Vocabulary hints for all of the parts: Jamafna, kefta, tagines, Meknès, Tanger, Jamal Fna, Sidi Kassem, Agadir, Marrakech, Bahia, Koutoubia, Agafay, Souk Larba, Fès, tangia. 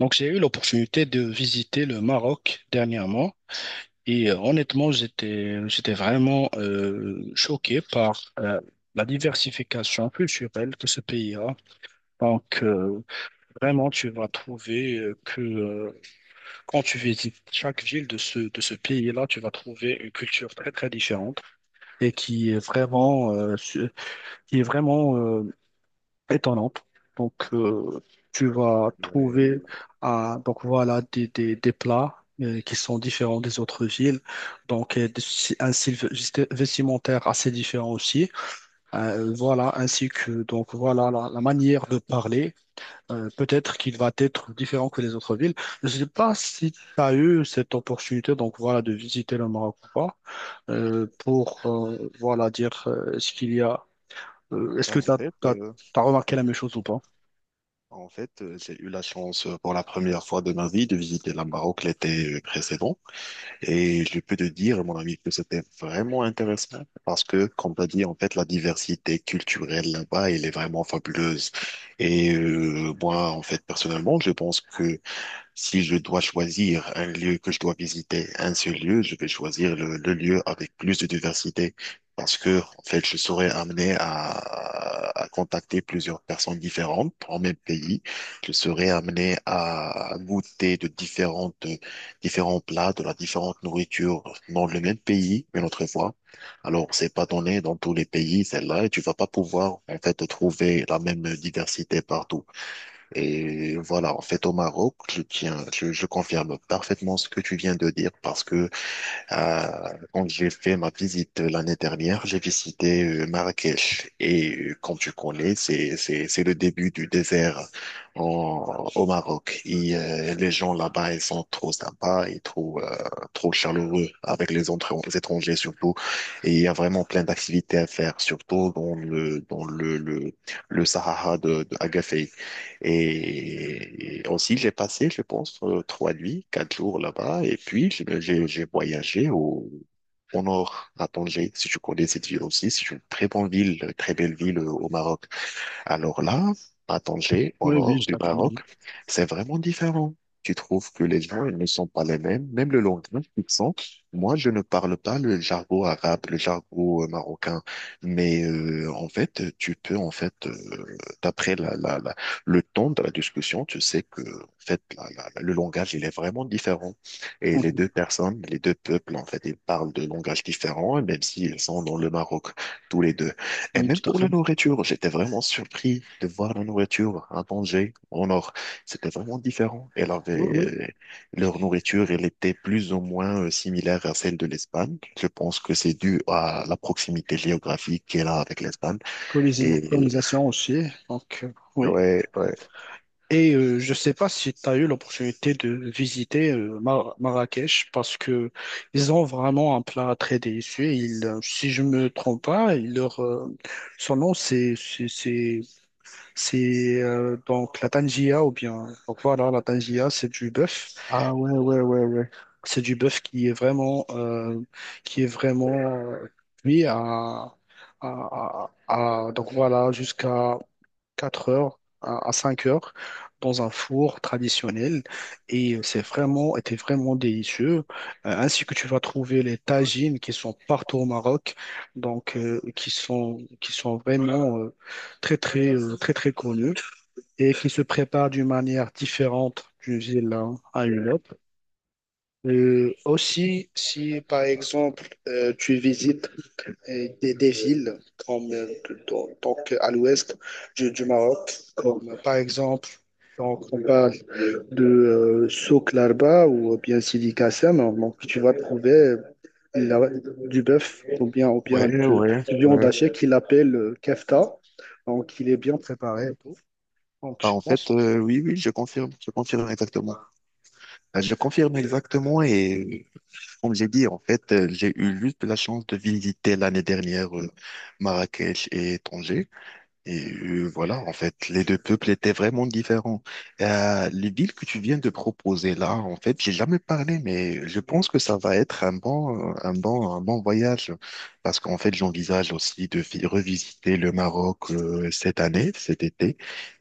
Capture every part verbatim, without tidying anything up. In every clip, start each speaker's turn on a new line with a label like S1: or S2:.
S1: Donc, j'ai eu l'opportunité de visiter le Maroc dernièrement et euh, honnêtement, j'étais, j'étais vraiment euh, choqué par euh, la diversification culturelle que ce pays a. Donc, euh, Vraiment, tu vas trouver euh, que euh, quand tu visites chaque ville de ce, de ce pays-là, tu vas trouver une culture très, très différente et qui est vraiment, euh, su- qui est vraiment euh, étonnante. Donc, euh, Tu vas
S2: Ouais.
S1: trouver ah, donc voilà, des, des, des plats euh, qui sont différents des autres villes. Donc, euh, des- si, un style vesti- vestimentaire assez différent aussi. Euh, voilà, ainsi que donc voilà la, la manière de parler. Euh, peut-être qu'il va être différent que les autres villes. Je ne sais pas si tu as eu cette opportunité donc voilà, de visiter le Maroc ou pas euh, pour euh, voilà, dire euh, ce qu'il y a. Euh, est-ce
S2: Et
S1: que tu
S2: en
S1: as,
S2: fait,
S1: t'as, t'as
S2: euh,
S1: t'as remarqué la même chose ou pas?
S2: en fait, euh, j'ai eu la chance euh, pour la première fois de ma vie de visiter la Maroc l'été euh, précédent. Et je peux te dire, mon ami, que c'était vraiment intéressant parce que, comme tu as dit, en fait, la diversité culturelle là-bas, elle est vraiment fabuleuse. Et euh, moi, en fait, personnellement, je pense que si je dois choisir un lieu que je dois visiter, un seul lieu, je vais choisir le, le lieu avec plus de diversité parce que, en fait, je serai amené à, à contacter plusieurs personnes différentes en même pays. Je serai amené à goûter de différentes, différents plats, de la différente nourriture dans le même pays une autre fois. Alors, c'est pas donné dans tous les pays, celle-là, et tu vas pas pouvoir, en fait, trouver la même diversité partout. Et voilà, en fait, au Maroc, je tiens, je, je confirme parfaitement ce que tu viens de dire parce que euh, quand j'ai fait ma visite l'année dernière, j'ai visité euh, Marrakech et euh, comme tu connais, c'est c'est c'est le début du désert en- au Maroc. Et euh, les gens là-bas, ils sont trop sympas et trop euh, trop chaleureux avec les autres- les étrangers surtout. Et il y a vraiment plein d'activités à faire, surtout dans le dans le le, le Sahara de, de Agafay. Et et aussi, j'ai passé, je pense, euh, trois nuits, quatre jours là-bas. Et puis, je- j'ai j'ai voyagé au, au nord, à Tanger, si tu connais cette ville aussi. C'est une très bonne ville, très belle ville euh, au Maroc. Alors là, à Tanger, au
S1: Oui, oui,
S2: nord
S1: je
S2: du
S1: la connais.
S2: Maroc, c'est vraiment différent. Tu trouves que les gens ils ne sont pas les mêmes, même le langage qu'ils sont. Moi, je ne parle pas le jargon arabe, le jargon euh, marocain, mais euh, en fait, tu peux en fait, euh, d'après la, la, la- le ton de la discussion, tu sais que en fait, la- la- la- le langage il est vraiment différent. Et les
S1: Mhm.
S2: deux personnes, les deux peuples en fait, ils parlent de langages différents, même s'ils sont dans le Maroc tous les deux. Et
S1: Oui,
S2: même
S1: tout à
S2: pour la
S1: fait.
S2: nourriture, j'étais vraiment surpris de voir la nourriture à Tanger, au nord. C'était vraiment différent. Elle
S1: Oui,
S2: avait,
S1: oui.
S2: euh, leur nourriture, elle était plus ou moins euh, similaire à celle de l'Espagne. Je pense que c'est dû à la proximité géographique qu'elle a avec l'Espagne.
S1: Colisi-
S2: Et
S1: Colonisation aussi. Donc, euh, oui.
S2: ouais, ouais.
S1: Et euh, je ne sais pas si tu as eu l'opportunité de visiter euh, Mar- Marrakech parce que ils ont vraiment un plat très délicieux. Ils, euh, si je me trompe pas, ils leur, euh, son nom, c'est c'est c'est- c'est, euh, donc la tangia ou bien. Donc voilà, la tangia, c'est du bœuf.
S2: Ah ouais, ouais, ouais, ouais.
S1: C'est du bœuf qui est vraiment, euh, qui est vraiment euh, cuit à, à- à- à- donc voilà, jusqu'à quatre heures, à, à cinq heures, dans un four traditionnel. Et c'est vraiment, était vraiment délicieux. Euh, ainsi que tu vas trouver les tagines qui sont partout au Maroc, donc euh, qui sont, qui sont vraiment euh, très, très, euh, très, très connus et qui se préparent d'une manière différente d'une ville à une autre. Euh, aussi, si par exemple euh, tu visites euh, des, des villes comme euh, donc, donc, à l'ouest du, du Maroc, comme euh, par exemple, donc on parle de euh, Souk Larba ou bien Sidi Kassem, hein, donc tu vas trouver euh, la- du bœuf ou bien ou bien
S2: Ouais,
S1: du,
S2: ouais,
S1: du viande
S2: ouais.
S1: hachée qu'il appelle euh, kefta, donc il est bien préparé. Et tout. Donc
S2: Ah,
S1: je
S2: en
S1: pense,
S2: fait, euh, oui, oui, je confirme, je confirme exactement. Euh, Je confirme exactement. Et comme j'ai dit, en fait, euh, j'ai eu juste la chance de visiter l'année dernière euh, Marrakech et Tanger. Et euh, voilà, en fait, les deux peuples étaient vraiment différents. Euh, les villes que tu viens de proposer là, en fait, j'ai jamais parlé, mais je pense que ça va être un bon, un bon, un bon voyage. Parce qu'en fait, j'envisage aussi de vi- revisiter le Maroc euh, cette année, cet été,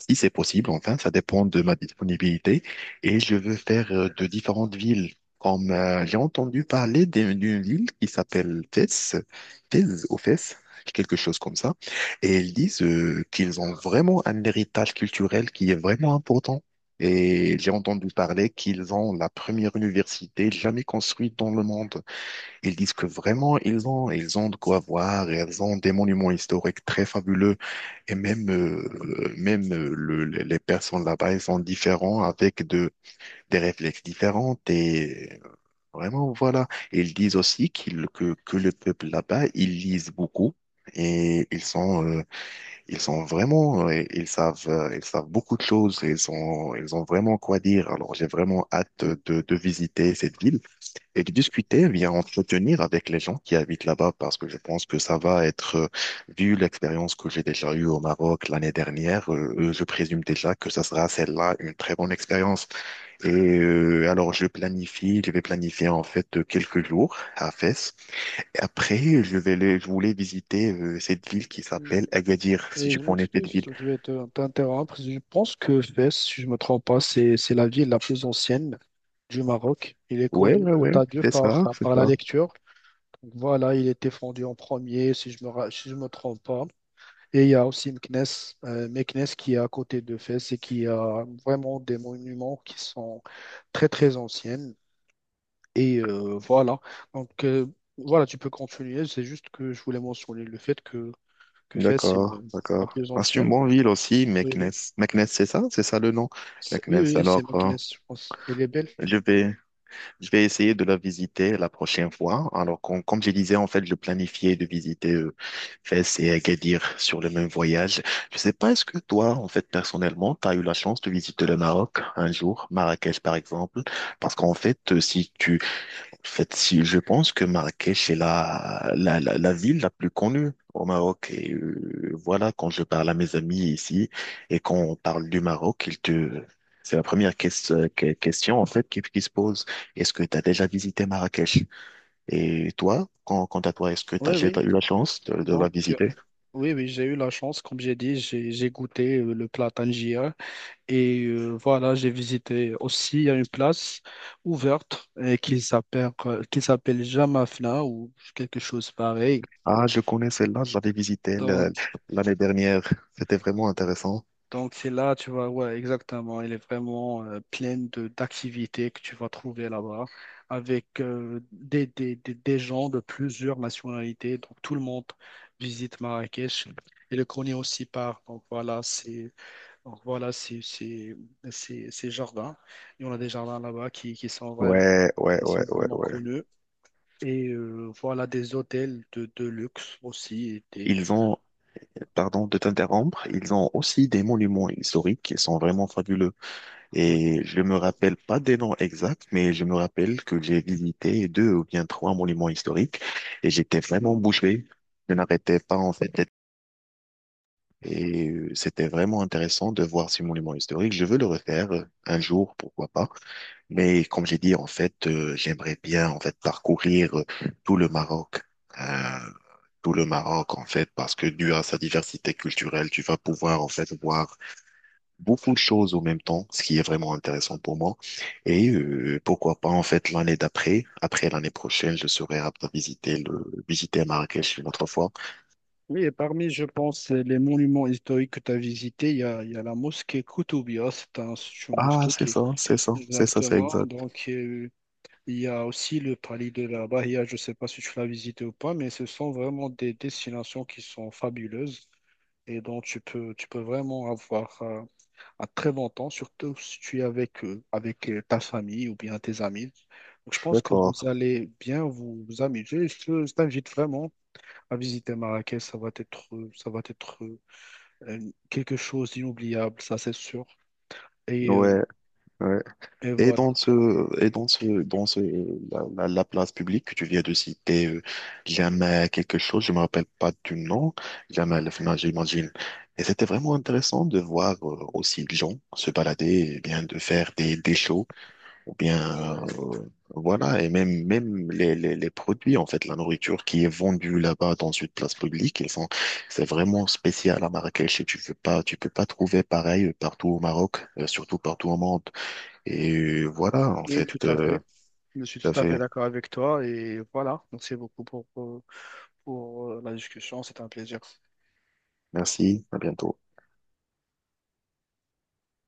S2: si c'est possible. Enfin, ça dépend de ma disponibilité. Et je veux faire euh, de différentes villes. Comme euh, j'ai entendu parler d'une d'une ville qui s'appelle Fès, Fès ou Fès, quelque chose comme ça. Et ils disent euh, qu'ils ont vraiment un héritage culturel qui est vraiment important. Et j'ai entendu parler qu'ils ont la première université jamais construite dans le monde. Ils disent que vraiment, ils ont, ils ont de quoi voir, ils ont des monuments historiques très fabuleux. Et même, euh, même euh, le- le- les personnes là-bas, ils sont différents avec de, des réflexes différents. Et vraiment, voilà. Ils disent aussi qu'ils, que, que le peuple là-bas, ils lisent beaucoup. Et ils sont euh, ils sont vraiment, euh, ils savent, euh, ils savent beaucoup de choses. Ils ont, ils ont vraiment quoi dire. Alors, j'ai vraiment hâte de, de visiter cette ville et de discuter, bien entretenir avec les gens qui habitent là-bas, parce que je pense que ça va être, euh, vu l'expérience que j'ai déjà eue au Maroc l'année dernière, euh, euh, je présume déjà que ça sera celle-là une très bonne expérience. Et euh, alors, je planifie, je vais planifier en fait euh, quelques jours à Fès. Et après, je vais, les- je voulais visiter euh, cette ville qui
S1: oui.
S2: s'appelle Agadir, si
S1: Et
S2: tu
S1: je
S2: connais cette
S1: m'excuse,
S2: ville.
S1: je vais te- t'interrompre. Je pense que Fès, si je ne me trompe pas, c'est c'est la ville la plus ancienne du Maroc. Il est
S2: Ouais,
S1: connu,
S2: ouais, ouais,
S1: quant à Dieu,
S2: c'est
S1: par,
S2: ça, c'est
S1: par la
S2: ça.
S1: lecture. Donc voilà, il était fondé en premier, si je me, ra- si je me trompe pas. Et il y a aussi Meknès, euh, Meknès qui est à côté de Fès et qui a vraiment des monuments qui sont très, très anciens. Et euh, voilà. Donc euh, voilà, tu peux continuer. C'est juste que je voulais mentionner le fait que, que Fès, c'est
S2: D'accord,
S1: le- la
S2: d'accord.
S1: plus
S2: Ah, c'est une
S1: ancienne.
S2: bonne ville aussi,
S1: Oui, oui.
S2: Meknès. Meknès, c'est ça, c'est ça le nom.
S1: C'est- Oui,
S2: Meknès.
S1: oui, c'est
S2: Alors, euh,
S1: Meknès, je pense. Elle est belle.
S2: je vais, je vais essayer de la visiter la prochaine fois. Alors, com- comme je disais, en fait, je planifiais de visiter euh, Fès et Agadir sur le même voyage. Je sais pas, est-ce que toi, en fait, personnellement, tu as eu la chance de visiter le Maroc un jour, Marrakech par exemple? Parce qu'en fait, euh, si tu En fait, si, je pense que Marrakech est la, la, la, la ville la plus connue au Maroc. Et euh, voilà, quand je parle à mes amis ici et quand on parle du Maroc, ils te... C'est la première ques- que- question en fait qui, qui se pose. Est-ce que tu as déjà visité Marrakech? Et toi, quand- quant à toi, est-ce que tu as
S1: Oui,
S2: déjà
S1: oui.
S2: eu la chance de, de
S1: Donc,
S2: la
S1: euh,
S2: visiter?
S1: oui, oui, j'ai eu la chance, comme j'ai dit, j'ai j'ai goûté euh, le plat tangier. Et euh, voilà, j'ai visité aussi, il y a une place ouverte euh, qui s'appelle euh, qui s'appelle Jamafna ou quelque chose pareil.
S2: Ah, je connais celle-là, je l'avais visitée
S1: Donc,
S2: le- l'année dernière. C'était vraiment intéressant.
S1: Donc c'est là, tu vois, ouais, exactement. Il est vraiment euh, plein de d'activités que tu vas trouver là-bas, avec euh, des, des, des, des gens de plusieurs nationalités. Donc tout le monde visite Marrakech. Et le connaît aussi par, donc voilà, c'est donc voilà, c'est c'est c'est ces jardins. Et on a des jardins là-bas qui, qui sont vraiment
S2: Ouais, ouais,
S1: qui
S2: ouais,
S1: sont
S2: ouais,
S1: vraiment
S2: ouais.
S1: connus. Et euh, voilà des hôtels de, de luxe aussi. Et des-
S2: Ils ont, pardon de t'interrompre, ils ont aussi des monuments historiques qui sont vraiment fabuleux.
S1: oui.
S2: Et je me rappelle pas des noms exacts, mais je me rappelle que j'ai visité deux ou bien trois monuments historiques et j'étais vraiment bouche bée. Je n'arrêtais pas en fait. Et euh, c'était vraiment intéressant de voir ces monuments historiques. Je veux le refaire euh, un jour, pourquoi pas. Mais comme j'ai dit, en fait, euh, j'aimerais bien en fait parcourir euh, tout le Maroc, euh, tout le Maroc en fait, parce que dû à sa diversité culturelle, tu vas pouvoir en fait voir beaucoup de choses en même temps, ce qui est vraiment intéressant pour moi. Et euh, pourquoi pas en fait l'année d'après, après l'année prochaine, je serai apte à visiter le visiter Marrakech une autre fois.
S1: Oui, et parmi, je pense, les monuments historiques que tu as visités, il y a, il y a la mosquée Koutoubia, c'est un- c'est une
S2: Ah,
S1: mosquée
S2: c'est
S1: qui est
S2: ça, c'est ça, c'est ça, c'est
S1: exactement.
S2: exact.
S1: Donc, euh, il y a aussi le palais de la Bahia, je ne sais pas si tu l'as visité ou pas, mais ce sont vraiment des destinations qui sont fabuleuses et dont tu peux, tu peux vraiment avoir euh, un très bon temps, surtout si tu es avec, euh, avec euh, ta famille ou bien tes amis. Donc, je pense que vous
S2: D'accord.
S1: allez bien vous, vous amuser. Je, je t'invite vraiment. À visiter Marrakech, ça va être, euh, ça va être euh, un- quelque chose d'inoubliable, ça c'est sûr. Et,
S2: Ouais,
S1: euh,
S2: ouais.
S1: et
S2: Et
S1: voilà.
S2: dans ce, et dans ce, dans ce, la, la, la place publique que tu viens de citer, euh, Jamal quelque chose, je me rappelle pas du nom, Jamal Fna, j'imagine. Et c'était vraiment intéressant de voir euh, aussi des gens se balader, et bien de faire des, des shows, ou bien, euh, voilà, et même, même les, les, les produits, en fait, la nourriture qui est vendue là-bas dans une place publique, ils sont, c'est vraiment spécial à Marrakech et tu peux pas, tu peux pas trouver pareil partout au Maroc, euh, surtout partout au monde. Et voilà, en
S1: Oui,
S2: fait,
S1: tout à
S2: euh,
S1: fait. Je suis
S2: tout à
S1: tout à fait
S2: fait.
S1: d'accord avec toi et voilà. Merci beaucoup pour, pour, pour euh, la discussion. C'était un plaisir.
S2: Merci, à bientôt.